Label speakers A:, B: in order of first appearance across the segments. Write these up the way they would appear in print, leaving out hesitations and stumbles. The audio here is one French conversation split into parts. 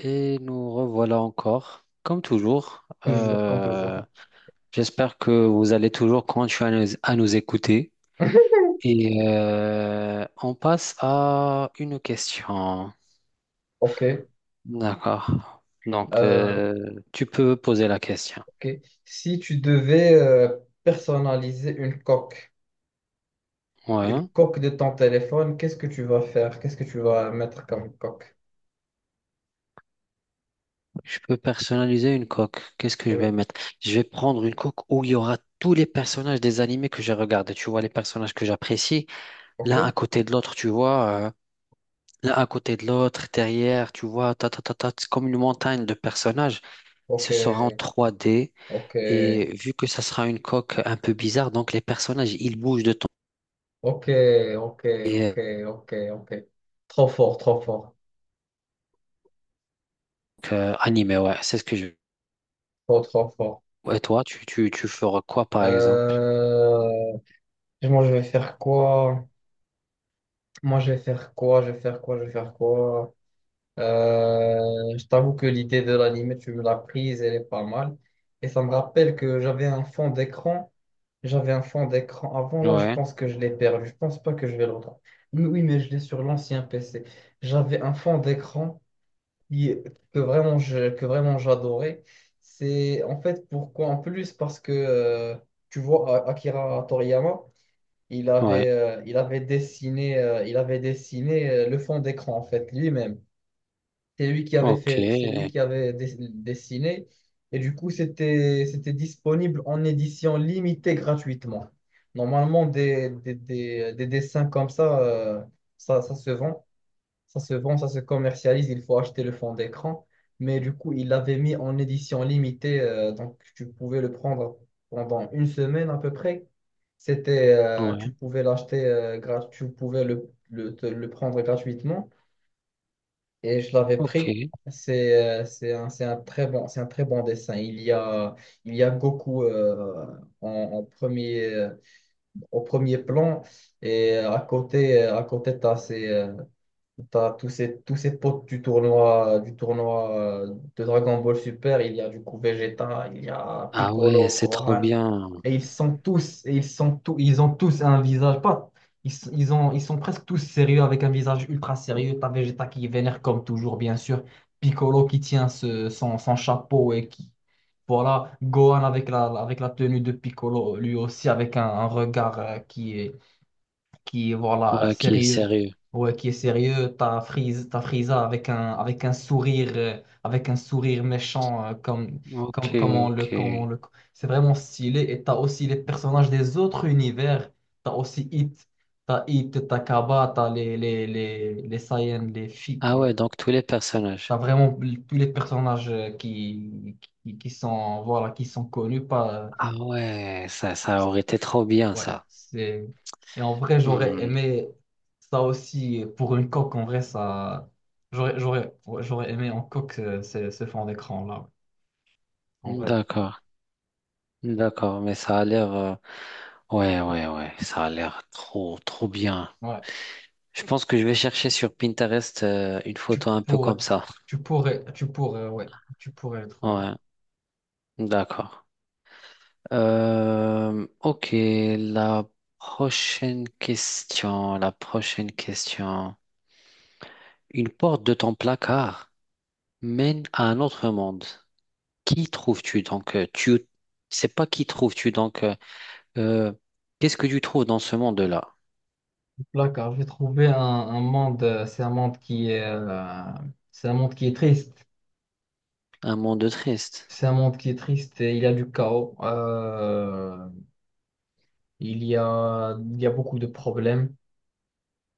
A: Et nous revoilà encore, comme toujours.
B: Toujours, quand toujours.
A: J'espère que vous allez toujours continuer à nous écouter. Et on passe à une question.
B: Ok.
A: D'accord. Donc,
B: euh,
A: tu peux poser la question.
B: ok. Si tu devais personnaliser une
A: Ouais.
B: coque de ton téléphone, qu'est-ce que tu vas faire? Qu'est-ce que tu vas mettre comme coque?
A: Je peux personnaliser une coque. Qu'est-ce que je vais
B: Oui.
A: mettre? Je vais prendre une coque où il y aura tous les personnages des animés que j'ai regardés. Tu vois, les personnages que j'apprécie,
B: Ok.
A: l'un à côté de l'autre, tu vois. L'un à côté de l'autre, derrière, tu vois, ta, ta, ta, ta, c'est comme une montagne de personnages.
B: Ok.
A: Ce sera en trois d.
B: Ok.
A: Et vu que ça sera une coque un peu bizarre, donc les personnages, ils bougent de ton.
B: Ok. Ok.
A: Et
B: Ok. Ok. Ok. Trop fort, trop fort.
A: donc, animé, ouais, c'est ce que je.
B: Trop fort.
A: Et toi, tu feras quoi, par exemple?
B: Euh, Moi, je vais faire quoi? Moi, je vais faire quoi? Je vais faire quoi? Je vais faire quoi? Je t'avoue que l'idée de l'anime, tu me l'as prise, elle est pas mal. Et ça me rappelle que j'avais un fond d'écran. J'avais un fond d'écran avant, là, je
A: Ouais,
B: pense que je l'ai perdu. Je pense pas que je vais le retrouver. Mais oui, mais je l'ai sur l'ancien PC. J'avais un fond d'écran qui- que vraiment j'adorais. C'est en fait pourquoi en plus parce que tu vois Akira Toriyama,
A: ouais,
B: il avait dessiné le fond d'écran en fait lui-même. C'est lui qui avait
A: ok,
B: fait, c'est lui
A: ouais,
B: qui avait dessiné. Et du coup, c'était disponible en édition limitée gratuitement. Normalement, des dessins comme ça, ça se vend, ça se vend, ça se commercialise. Il faut acheter le fond d'écran. Mais du coup, il l'avait mis en édition limitée. Donc, tu pouvais le prendre pendant une semaine à peu près. C'était, tu pouvais l'acheter, tu pouvais le prendre gratuitement et je l'avais
A: ok.
B: pris. C'est c'est un très bon, c'est un très bon dessin. Il y a Goku en premier, au premier plan et à côté, t'as tous tous ces potes du tournoi de Dragon Ball Super. Il y a du coup Vegeta, il y a
A: Ah ouais,
B: Piccolo,
A: c'est trop
B: Gohan,
A: bien.
B: et ils sont tous, et ils sont tous, ils ont tous un visage, pas, ils, s- ils ont, ils sont presque tous sérieux avec un visage ultra sérieux. T'as Vegeta qui vénère comme toujours, bien sûr, Piccolo qui tient son, son chapeau et qui, voilà, Gohan avec la tenue de Piccolo, lui aussi avec un regard qui est voilà,
A: Ouais, qui est
B: sérieux.
A: sérieux.
B: Ouais, qui est sérieux, t'as Frieza avec un sourire méchant, comme,
A: Ok,
B: comme,
A: ok.
B: comme on le... C'est vraiment stylé. Et t'as aussi les personnages des autres univers. T'as aussi Hit, t'as Kaba, t'as les Saiyans, les filles.
A: Ah
B: Les...
A: ouais, donc tous les
B: T'as
A: personnages.
B: vraiment tous les personnages qui sont, voilà, qui sont connus pas.
A: Ah ouais, ça aurait été trop bien,
B: Ouais,
A: ça.
B: c'est... Et en vrai, j'aurais
A: Hmm.
B: aimé ça aussi pour une coque. En vrai, ça... j'aurais, ouais, j'aurais aimé en coque ce fond d'écran-là. Ouais. En vrai,
A: D'accord, d'accord, mais ça a l'air, ouais, ouais, ouais, ça a l'air trop, trop bien.
B: ouais.
A: Je pense que je vais chercher sur Pinterest une
B: Tu
A: photo un peu
B: pourrais,
A: comme ça.
B: tu pourrais, ouais. Tu pourrais le trouver.
A: Ouais, d'accord. Ok, la prochaine question. Une porte de ton placard mène à un autre monde. Qui trouves-tu donc, tu c'est pas qui trouves-tu donc, euh, qu'est-ce que tu trouves dans ce monde-là?
B: Là, car j'ai trouvé un monde, c'est un monde qui est, c'est un monde qui est triste.
A: Un monde triste.
B: C'est un monde qui est triste et il y a du chaos. Il y a beaucoup de problèmes.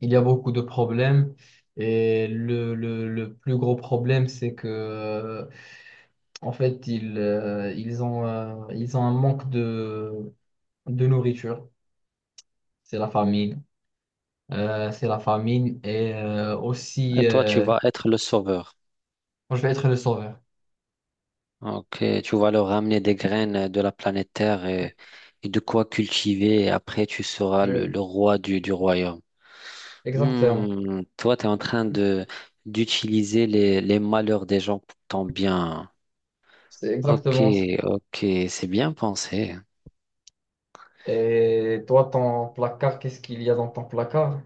B: Il y a beaucoup de problèmes et le plus gros problème, c'est que en fait, ils ont un manque de nourriture. C'est la famine. C'est la famine et aussi,
A: Et toi, tu vas être le sauveur.
B: moi, je vais être le sauveur.
A: Ok, tu vas leur ramener des graines de la planète Terre et de quoi cultiver. Et après, tu seras le,
B: Oui,
A: le roi du royaume.
B: exactement.
A: Hmm, toi, tu es en train de d'utiliser les malheurs des gens pour ton bien.
B: C'est
A: Ok,
B: exactement.
A: ok, c'est bien pensé.
B: Et toi, ton placard, qu'est-ce qu'il y a dans ton placard?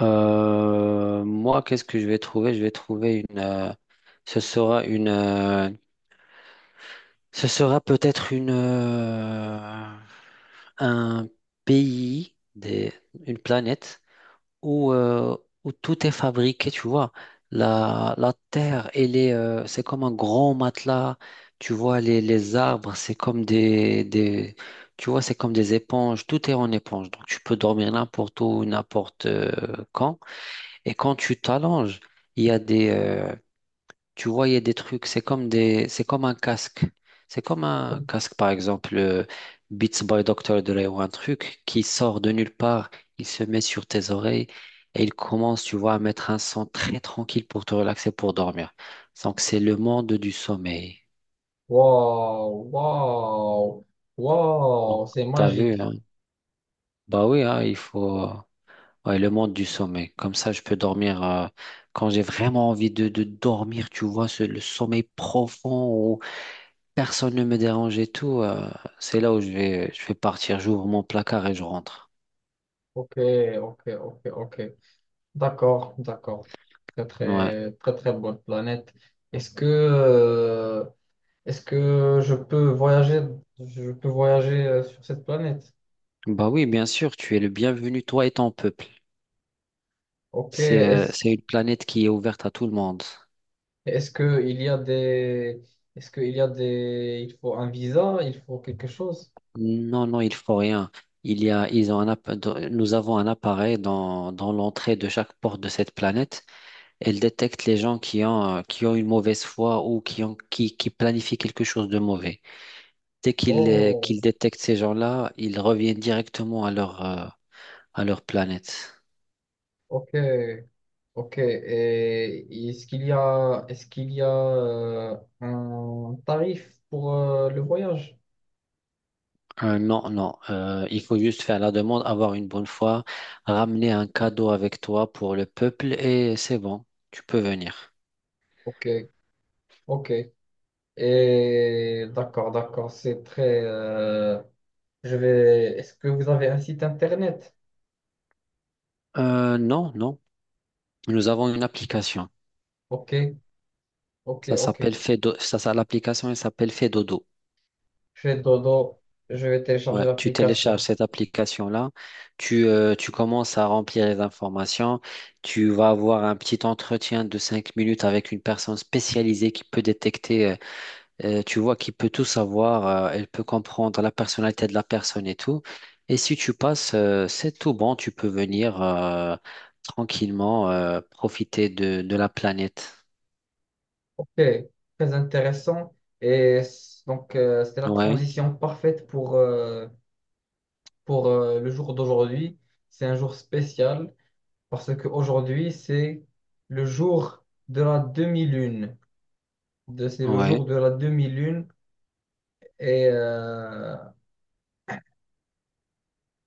A: Moi, qu'est-ce que je vais trouver? Je vais trouver une. Ce sera une. euh, ce sera peut-être une. Un pays, des, une planète où, euh, où tout est fabriqué, tu vois. La terre, elle est, c'est comme un grand matelas. Tu vois, les arbres, c'est comme des. Tu vois, c'est comme des éponges. Tout est en éponge. Donc, tu peux dormir n'importe où, n'importe quand. Et quand tu t'allonges, il y a des, tu vois, il y a des trucs, c'est comme des, c'est comme un casque. C'est comme un casque, par exemple, Beats by Dr. Dre ou un truc qui sort de nulle part, il se met sur tes oreilles et il commence, tu vois, à mettre un son très tranquille pour te relaxer, pour dormir. Donc, c'est le monde du sommeil.
B: Waouh, waouh,
A: Donc,
B: waouh, c'est
A: t'as vu,
B: magique.
A: hein? Bah oui, hein, il faut. Ouais, le monde du sommeil. Comme ça, je peux dormir quand j'ai vraiment envie de dormir, tu vois, le sommeil profond où personne ne me dérange et tout. C'est là où je vais partir. J'ouvre mon placard et je rentre.
B: Ok, ok, ok, ok. D'accord, d'accord. Très,
A: Ouais.
B: très, très, très bonne planète. Est-ce que, est-ce que je peux voyager sur cette planète?
A: Bah oui, bien sûr, tu es le bienvenu, toi et ton peuple.
B: Ok.
A: C'est, euh, c'est une planète qui est ouverte à tout le monde.
B: Est-ce que il y a est-ce que il y a des, il faut un visa, il faut quelque chose?
A: Non, non, il faut rien. Il y a, ils ont un, app- dans- Nous avons un appareil dans l'entrée de chaque porte de cette planète. Elle détecte les gens qui ont une mauvaise foi ou qui planifient quelque chose de mauvais. Dès qu'ils
B: Oh,
A: détectent ces gens-là, ils reviennent directement à leur planète.
B: ok, ok. Et est-ce qu'il y a un tarif pour le voyage?
A: Non, non, il faut juste faire la demande, avoir une bonne foi, ramener un cadeau avec toi pour le peuple et c'est bon, tu peux venir.
B: Ok, ok. Et d'accord, d'accord. C'est très. Je vais. Est-ce que vous avez un site internet?
A: Non, non, nous avons une application.
B: Ok. Ok,
A: Ça
B: ok.
A: s'appelle Fedo, ça, l'application elle s'appelle Fedodo.
B: Je fais dodo, je vais télécharger
A: Ouais, tu télécharges
B: l'application.
A: cette application-là, tu commences à remplir les informations, tu vas avoir un petit entretien de 5 minutes avec une personne spécialisée qui peut détecter, tu vois, qui peut tout savoir, elle peut comprendre la personnalité de la personne et tout. Et si tu passes, c'est tout bon, tu peux venir tranquillement profiter de la planète.
B: Ok, très intéressant. Donc, c'est la
A: Ouais,
B: transition parfaite pour le jour d'aujourd'hui. C'est un jour spécial parce qu'aujourd'hui, c'est le jour de la demi-lune. C'est le jour
A: ouais.
B: de la demi-lune. Et, euh,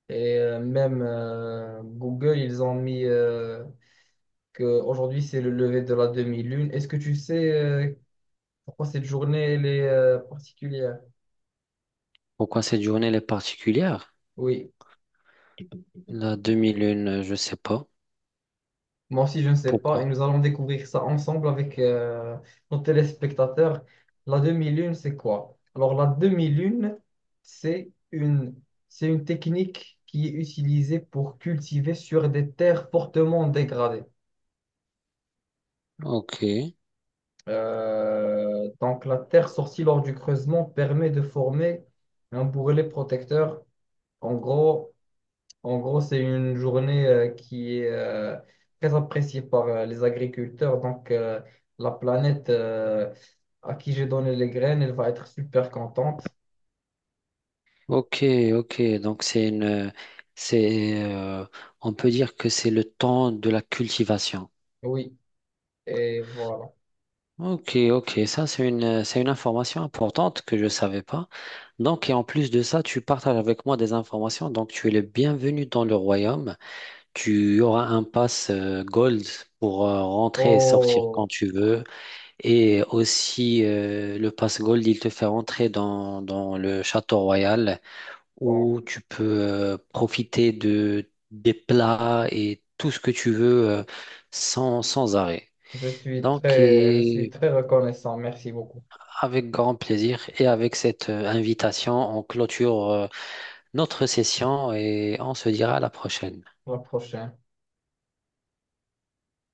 B: et même Google, ils ont mis que aujourd'hui c'est le lever de la demi-lune. Est-ce que tu sais pourquoi cette journée elle est particulière?
A: Pourquoi cette journée elle est particulière?
B: Oui,
A: La demi-lune, je sais pas.
B: moi aussi je ne sais pas
A: Pourquoi?
B: et nous allons découvrir ça ensemble avec nos téléspectateurs. La demi-lune, c'est quoi? Alors la demi-lune, c'est c'est une technique qui est utilisée pour cultiver sur des terres fortement dégradées.
A: Ok.
B: Donc, la terre sortie lors du creusement permet de former un bourrelet protecteur. En gros, en gros, c'est une journée qui est très appréciée par les agriculteurs. Donc, la planète à qui j'ai donné les graines, elle va être super contente.
A: Ok, ok. Donc c'est, euh, on peut dire que c'est le temps de la cultivation.
B: Oui, et voilà.
A: Ok, ok. Ça c'est une information importante que je savais pas. Donc et en plus de ça, tu partages avec moi des informations. Donc tu es le bienvenu dans le royaume. Tu auras un pass gold pour rentrer et sortir
B: Oh,
A: quand tu veux. Et aussi le pass gold, il te fait rentrer dans le château royal.
B: bon,
A: Où tu peux profiter des plats et tout ce que tu veux sans arrêt. Donc,
B: je suis
A: et
B: très reconnaissant. Merci beaucoup.
A: avec grand plaisir et avec cette invitation, on clôture notre session et on se dira à la prochaine.
B: À la prochaine.